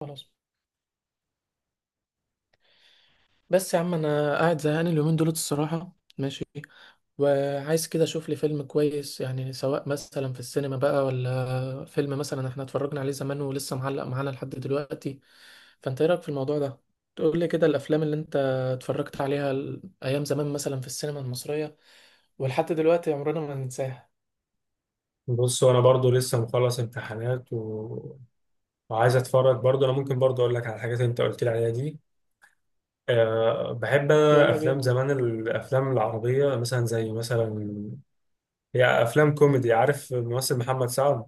خلاص، بس يا عم انا قاعد زهقان اليومين دولت الصراحه. ماشي. وعايز كده اشوف لي فيلم كويس، يعني سواء مثلا في السينما بقى، ولا فيلم مثلا احنا اتفرجنا عليه زمان ولسه معلق معانا لحد دلوقتي. فانت ايه رايك في الموضوع ده؟ تقول لي كده الافلام اللي انت اتفرجت عليها ايام زمان مثلا في السينما المصريه، ولحد دلوقتي عمرنا ما هننساها. بص، وانا برضو لسه مخلص امتحانات وعايز اتفرج برضو. انا ممكن برضو اقول لك على الحاجات اللي انت قلت لي عليها دي. بحب انا يلا افلام بينا. زمان، الافلام العربيه، مثلا زي مثلا، هي افلام كوميدي. عارف الممثل محمد سعد؟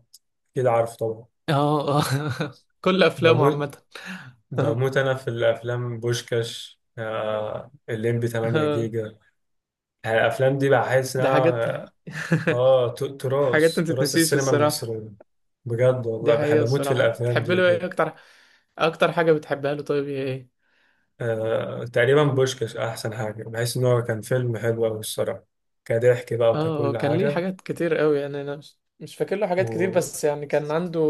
كده عارف طبعا. اه، اه. كل افلامه بموت عامه. بموت انا في الافلام، بوشكاش، الليمبي 8 جيجا. يعني الافلام دي بحس ده حاجات. انها اه ت- حاجات تراث ما تراث تتنسيش السينما الصراحه. المصريه. بجد دي والله بحب حقيقة اموت في الصراحة. الافلام تحب دي له ايه بجد. اكتر؟ اكتر حاجة بتحبها له طيب هي ايه؟ تقريبا بوشكاش أحسن حاجة، بحيث إن هو كان فيلم حلو أوي الصراحة، كضحك بقى اه. وككل كان ليه حاجة. حاجات كتير قوي، يعني انا مش فاكر له حاجات كتير، و بس يعني كان عنده.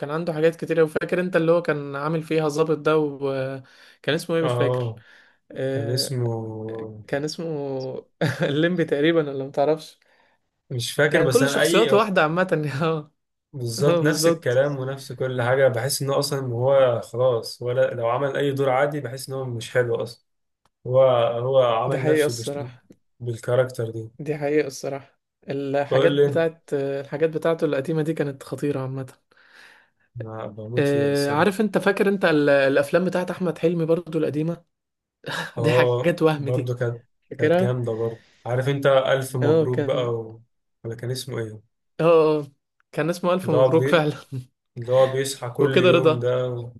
كان عنده حاجات كتير قوي، فاكر انت اللي هو كان عامل فيها ظابط ده؟ وكان اسمه ايه؟ مش فاكر. آه كان آه، اسمه، كان اسمه. الليمبي تقريبا، ولا متعرفش؟ مش فاكر، كان بس كل أنا شخصياته واحدة عامة. اه. اه، بالظبط نفس بالظبط. الكلام ونفس كل حاجة، بحس إن هو أصلا، هو خلاص، ولا لو عمل أي دور عادي بحس إن هو مش حلو أصلا. هو هو دي عمل حقيقة نفسه الصراحة. بالكاركتر دي. دي حقيقة الصراحة. بقول لي، الحاجات بتاعته القديمة دي كانت خطيرة عامة. أنا بموت فيه الصراحة. عارف انت، فاكر انت الافلام بتاعت احمد حلمي برضو القديمه؟ دي اه حاجات وهم برضه دي، كانت، كانت فاكرها؟ جامدة برضه. عارف انت ألف اه، مبروك بقى كان. ولا كان اسمه ايه؟ اه، اه، كان اسمه الف اللي هو مبروك بي... فعلا. اللي هو بيصحى كل وكده يوم رضا. ده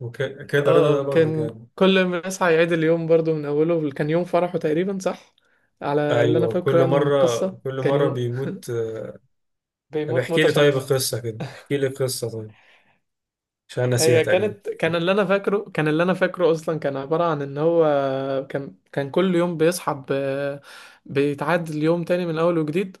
وكده رضا اه، ده اه، برضه كان. جامد. كل ما يصحى يعيد اليوم برضو من اوله، كان يوم فرحه تقريبا، صح؟ على اللي انا ايوه فاكره كل يعني من مرة، القصه، كل كان مرة يوم. بيموت. طب بيموت احكي موتة لي طيب شكل. القصة، كده احكي لي القصة طيب، عشان أنا ناسيها هي تقريبا. كانت كان اللي انا فاكره، اصلا كان عبارة عن ان هو كان كل يوم بيصحى بيتعاد اليوم تاني من اول وجديد.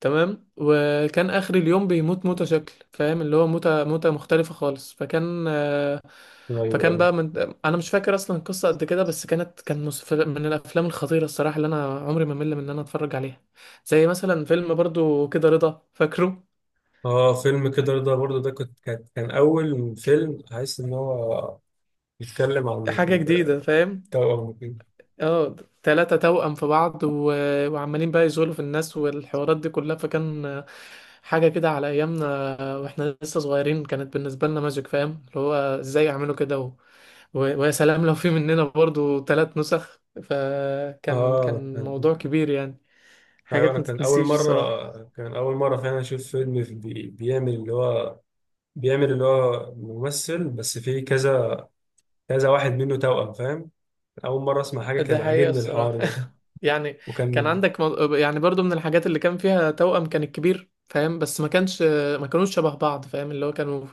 تمام، وكان اخر اليوم بيموت موتة شكل، فاهم اللي هو؟ موتة مختلفة خالص، فكان ايوه، فكان ايوه. بقى من... انا مش فاكر اصلا القصة قد كده، بس من الافلام الخطيرة الصراحة اللي انا عمري ما مل من ان انا اتفرج عليها. زي مثلا فيلم برضو كده رضا، فاكره؟ اه، فيلم كده رضا برضه ده، كنت كان كان أول فيلم حاسس إن هو بيتكلم عن حاجة جديدة، فاهم؟ التوأم وكده. اه، تلاتة توأم في بعض، وعمالين بقى يزولوا في الناس والحوارات دي كلها، فكان حاجة كده على أيامنا. واحنا لسه صغيرين كانت بالنسبة لنا ماجيك، فاهم اللي هو؟ ازاي يعملوا كده، ويا سلام لو في مننا برضو ثلاث نسخ، فكان اه، كان موضوع كبير يعني. ايوه حاجات انا ما كان اول تتنسيش الصراحة. مره كان اول مره فعلا اشوف فيلم بيعمل اللي هو، بيعمل اللي هو ممثل، بس فيه كذا كذا واحد منه توأم، فاهم؟ اول مره اسمع حاجه، ده كان حقيقة عاجبني الصراحة. الحوار ده. يعني وكان يعني برضو من الحاجات اللي كان فيها توأم، كان الكبير، فاهم؟ بس ما كانش، ما كانوش شبه بعض، فاهم اللي هو؟ كانوا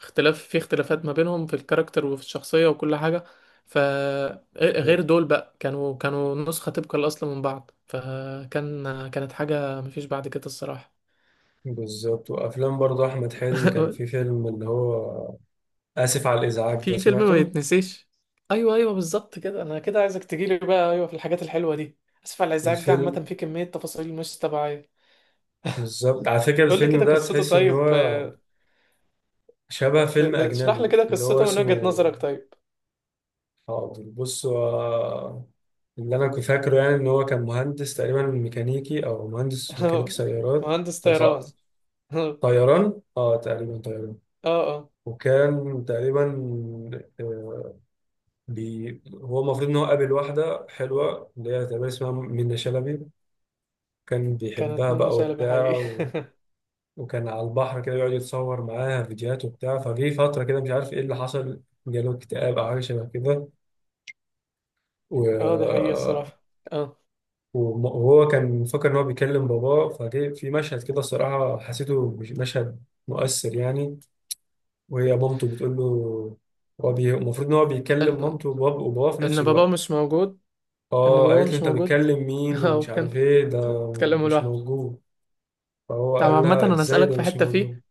اختلافات ما بينهم في الكاركتر وفي الشخصية وكل حاجة. فغير دول بقى كانوا نسخة تبقى الأصل من بعض، فكان كانت حاجة مفيش بعد كده الصراحة. بالظبط. وافلام برضه احمد حلمي، كان في فيلم اللي هو، اسف على الازعاج ده، في فيلم ما سمعته يتنسيش. ايوه، ايوه، بالظبط كده. انا كده عايزك تجيلي بقى. ايوه، في الحاجات الحلوه دي. اسف على الازعاج، دي عامه الفيلم. في كميه تفاصيل مش طبيعيه. بالظبط، على فكره قول لي الفيلم كده ده قصته تحس ان طيب. هو شبه فيلم اشرح لي اجنبي كده اللي هو قصته من اسمه، وجهه نظرك طيب. حاضر، بص، هو اللي انا كنت فاكره يعني ان هو كان مهندس تقريبا ميكانيكي، او مهندس ميكانيكي سيارات. مهندس طيران. تص- اه، طيران، تقريبا طيران. اه، وكان تقريبا، آه، هو المفروض ان هو قابل واحده حلوه اللي هي تقريبا اسمها منة شلبي. كان كانت بيحبها منة بقى شلبي وبتاع حقيقي؟ وكان على البحر كده، يقعد يتصور معاها فيديوهات وبتاع. فجه فتره كده مش عارف ايه اللي حصل، جاله اكتئاب او حاجه شبه كده، و... اه، دي حقيقه الصراحه. اه. وهو كان فاكر ان هو بيكلم باباه. فجه في مشهد كده الصراحه، حسيته مشهد مؤثر يعني. وهي مامته بتقول له، هو المفروض ان هو بيكلم ان مامته وباباه في نفس ان باباه الوقت. مش موجود. ان اه باباه قالت له مش انت موجود. بتكلم مين اه، ومش كان عارف ايه ده، مش اتكلموا مش لوحده. موجود. فهو طب قال عامة لها انا ازاي اسألك ده في مش حتة موجود؟ فيه.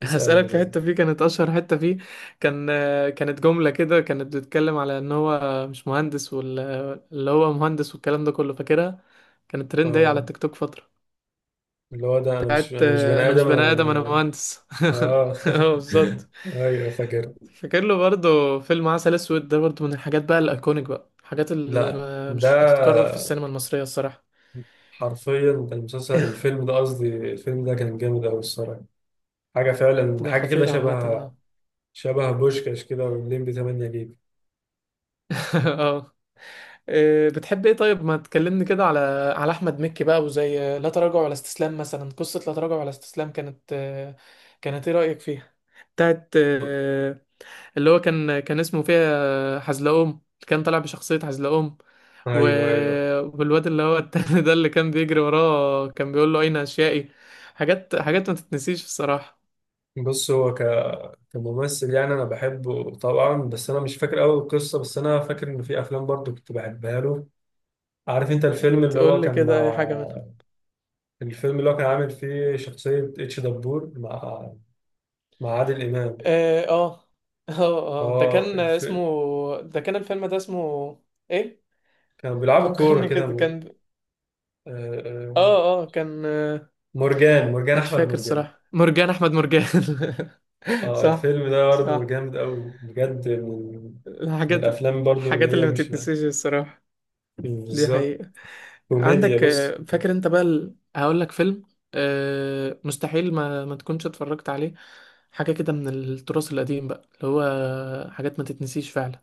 اسألني هسألك في طيب. حتة فيه كانت أشهر حتة فيه. كان كانت جملة كده كانت بتتكلم على إن هو مش مهندس اللي هو مهندس، والكلام ده كله، فاكرها؟ كانت ترند أوي على اه، التيك توك فترة. اللي هو ده، انا مش بتاعت انا مش بني أنا مش ادم، بني انا آدم، أنا أنا- مهندس. اه اه، بالظبط. ايوه فاكر. فاكر له برضه فيلم عسل أسود؟ ده برضه من الحاجات بقى الأيكونيك بقى، الحاجات اللي لا، مش هتتكرر في ده السينما المصرية الصراحة. حرفيا كان المسلسل، الفيلم ده قصدي، الفيلم ده كان جامد أوي الصراحة. حاجة فعلا، ده حاجة كده خطير عامة. شبه، اه. شبه بوشكاش كده والليمبي 8 جيجا. اه. إيه، بتحب ايه طيب؟ ما تكلمني كده على على احمد مكي بقى، وزي لا تراجع ولا استسلام مثلا. قصة لا تراجع ولا استسلام كانت كانت ايه رأيك فيها؟ بتاعت ب- اللي هو كان اسمه فيها حزلقوم، كان طالع بشخصية حزلقوم. و... أيوه، أيوه. والواد اللي هو التاني، ده اللي كان بيجري وراه كان بيقول له: اين اشيائي. حاجات ما تتنسيش الصراحة. بص هو ك... كممثل يعني أنا بحبه طبعا، بس أنا مش فاكر أوي القصة، بس أنا فاكر إن في أفلام برضو كنت بحبها له. عارف أنت الفيلم اللي هو تقول لي كان كده اي حاجة منها. مع، الفيلم اللي هو كان عامل فيه شخصية اتش دبور، مع، مع عادل إمام. اه، اه. اه. اه الف... ده كان الفيلم ده اسمه ايه؟ كانوا بيلعبوا كورة فكرني كده، كده، كان، آه، آه، اه، اه، كان، مرجان مش أحمد فاكر مرجان. الصراحة. مرجان احمد مرجان. اه، صح، الفيلم ده برضه صح. جامد قوي بجد، من الحاجات الافلام برضه اللي الحاجات هي اللي ما مش تتنسيش الصراحة. دي بالظبط حقيقة. كوميديا. عندك بص، فاكر انت بقى هقول لك فيلم، مستحيل ما تكونش اتفرجت عليه. حاجة كده من التراث القديم بقى، اللي هو حاجات ما تتنسيش فعلا،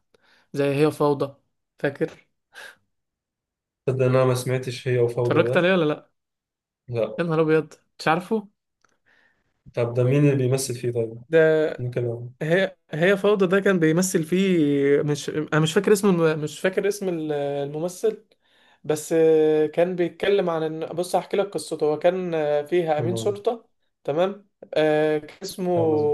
زي هي فوضى، فاكر؟ تصدق إن انا ما سمعتش هي وفوضى اتفرجت ده؟ عليه ولا لا؟ لا. يا نهار ابيض. مش عارفه؟ طب ده مين اللي بيمثل فيه طيب؟ ده ممكن. هي فوضى ده كان بيمثل فيه. مش انا مش فاكر اسم الممثل. بس كان بيتكلم عن ان، بص هحكي لك قصته. هو كان فيها امين تمام، شرطة، تمام. آه كان اسمه تمام.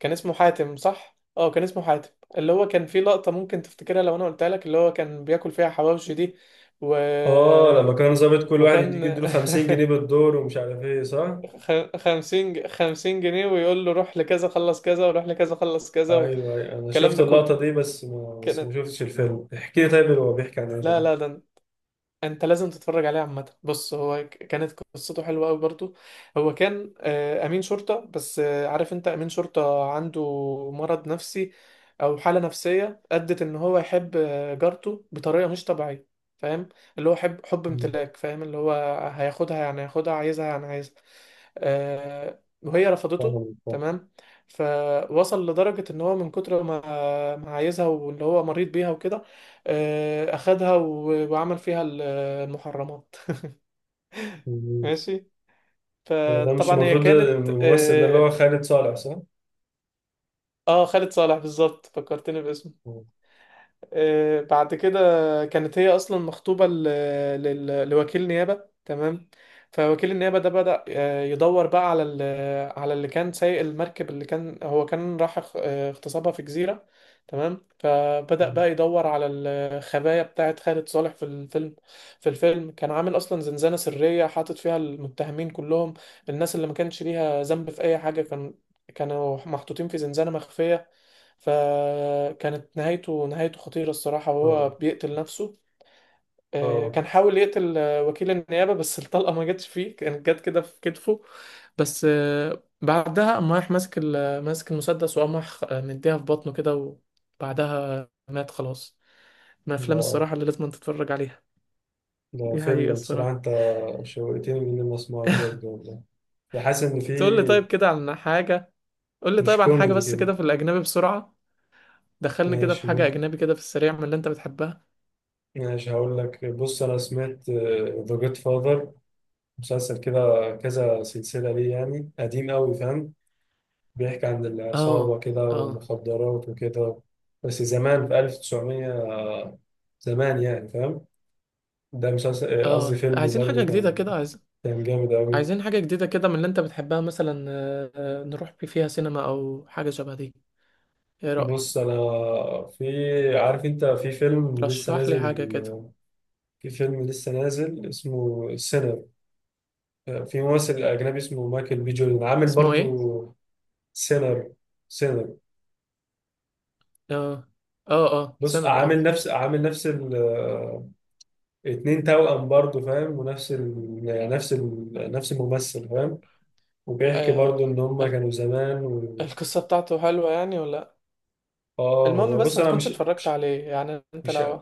كان اسمه حاتم، صح؟ اه، كان اسمه حاتم. اللي هو كان فيه لقطة ممكن تفتكرها لو انا قلتها لك، اللي هو كان بياكل فيها حواوشي دي، و... اه لما كان ظابط، كل واحد يديك، وكان يديله 50 جنيه بالدور، ومش عارف ايه صح. 50 50 جنيه، ويقول له روح لكذا خلص كذا، وروح لكذا خلص كذا، ايوه، أيوة. انا والكلام شفت ده كله. اللقطة دي، بس ما بس كانت، ما شفتش الفيلم. احكي لي طيب هو بيحكي عن ايه لا، طيب. لا، ده انت لازم تتفرج عليه عامه. بص هو كانت قصته حلوه قوي برضو. هو كان امين شرطه، بس عارف انت امين شرطه عنده مرض نفسي، او حاله نفسيه ادت ان هو يحب جارته بطريقه مش طبيعيه، فاهم اللي هو؟ حب مم. امتلاك، فاهم اللي هو؟ هياخدها يعني، هياخدها، عايزها يعني عايزها. وهي رفضته، طبعاً، طبعاً. تمام. فوصل لدرجة ان هو من كتر ما عايزها، واللي هو مريض بيها وكده، اخدها وعمل فيها المحرمات. مم. ماشي. هو ده مش فطبعا هي المفروض كانت، الممثل ده اللي هو اه. خالد صالح، صح؟ خالد صالح، بالظبط فكرتني باسمه. بعد كده كانت هي اصلا مخطوبه لوكيل نيابه، تمام. فوكيل النيابه ده بدأ يدور بقى على على اللي كان سايق المركب، اللي كان هو كان راح اغتصابها في جزيره، تمام. فبدأ مم. بقى يدور على الخبايا بتاعت خالد صالح في الفيلم. كان عامل اصلا زنزانه سريه حاطط فيها المتهمين كلهم، الناس اللي ما كانش ليها ذنب في اي حاجه. كان كانوا محطوطين في زنزانه مخفيه. فكانت نهايته خطيرة الصراحة، وهو اه، بيقتل نفسه. اه. كان حاول يقتل وكيل النيابة، بس الطلقة ما جاتش فيه، كانت جت كده في كتفه. بس بعدها قام رايح ماسك المسدس، وقام رايح مديها في بطنه كده، وبعدها مات خلاص. من الأفلام الصراحة ده اللي لازم تتفرج عليها. ده دي حقيقة فيلم بصراحة، الصراحة. انت شوقتني ان انا اسمعه بجد والله. بحس ان في، تقول لي طيب كده عن حاجة، قول لي مش طيب عن حاجة كوميدي بس كده. كده في الأجنبي بسرعة. دخلني كده في ماشي، حاجة ممكن. أجنبي كده في السريع من اللي أنت بتحبها. ماشي، هقول لك. بص انا سمعت ذا جود فاذر، مسلسل كده، كذا سلسلة ليه، يعني قديم قوي فاهم. بيحكي عن العصابة اه، كده اه، والمخدرات وكده، بس زمان في 1900، زمان يعني فاهم. ده مسلسل، قصدي اه. فيلم، عايزين حاجة برضه جديدة كان، كده، عايز كان جامد قوي. عايزين حاجة جديدة كده من اللي انت بتحبها مثلا. نروح فيها سينما او حاجة شبه دي، ايه بص رأيك؟ انا، في، عارف انت في فيلم لسه رشح لي نازل، حاجة كده. اسمه سينر. في ممثل اجنبي اسمه مايكل بي جوردن، عامل اسمه ايه؟ برضو سينر، سينر. اه، اه، اه، بص، سنر، اه. عامل نفس ال اتنين توأم برضو فاهم، ونفس ال يعني، نفس الممثل فاهم. وبيحكي آه، برضو ان هما ال- كانوا زمان القصة بتاعته حلوة يعني ولا لأ؟ اه المهم هو، بس بص ما انا تكونش مش اتفرجت مش عليه يعني انت مش لو.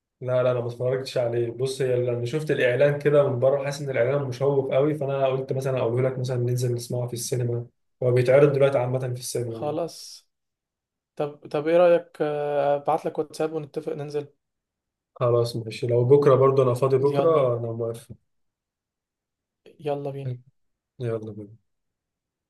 لا لا، انا ما اتفرجتش عليه. بص، هي لما شفت الاعلان كده من بره، حاسس ان الاعلان مشوق قوي، فانا قلت مثلا، اقول لك مثلا ننزل نسمعه في السينما. هو بيتعرض دلوقتي عامه في السينما يعني. خلاص. طب، طب، ايه رأيك؟ ابعت لك واتساب، ونتفق ننزل. خلاص ماشي، لو بكره برضه انا فاضي يلا بكره، انا موافق. يلا بينا. يلا بينا.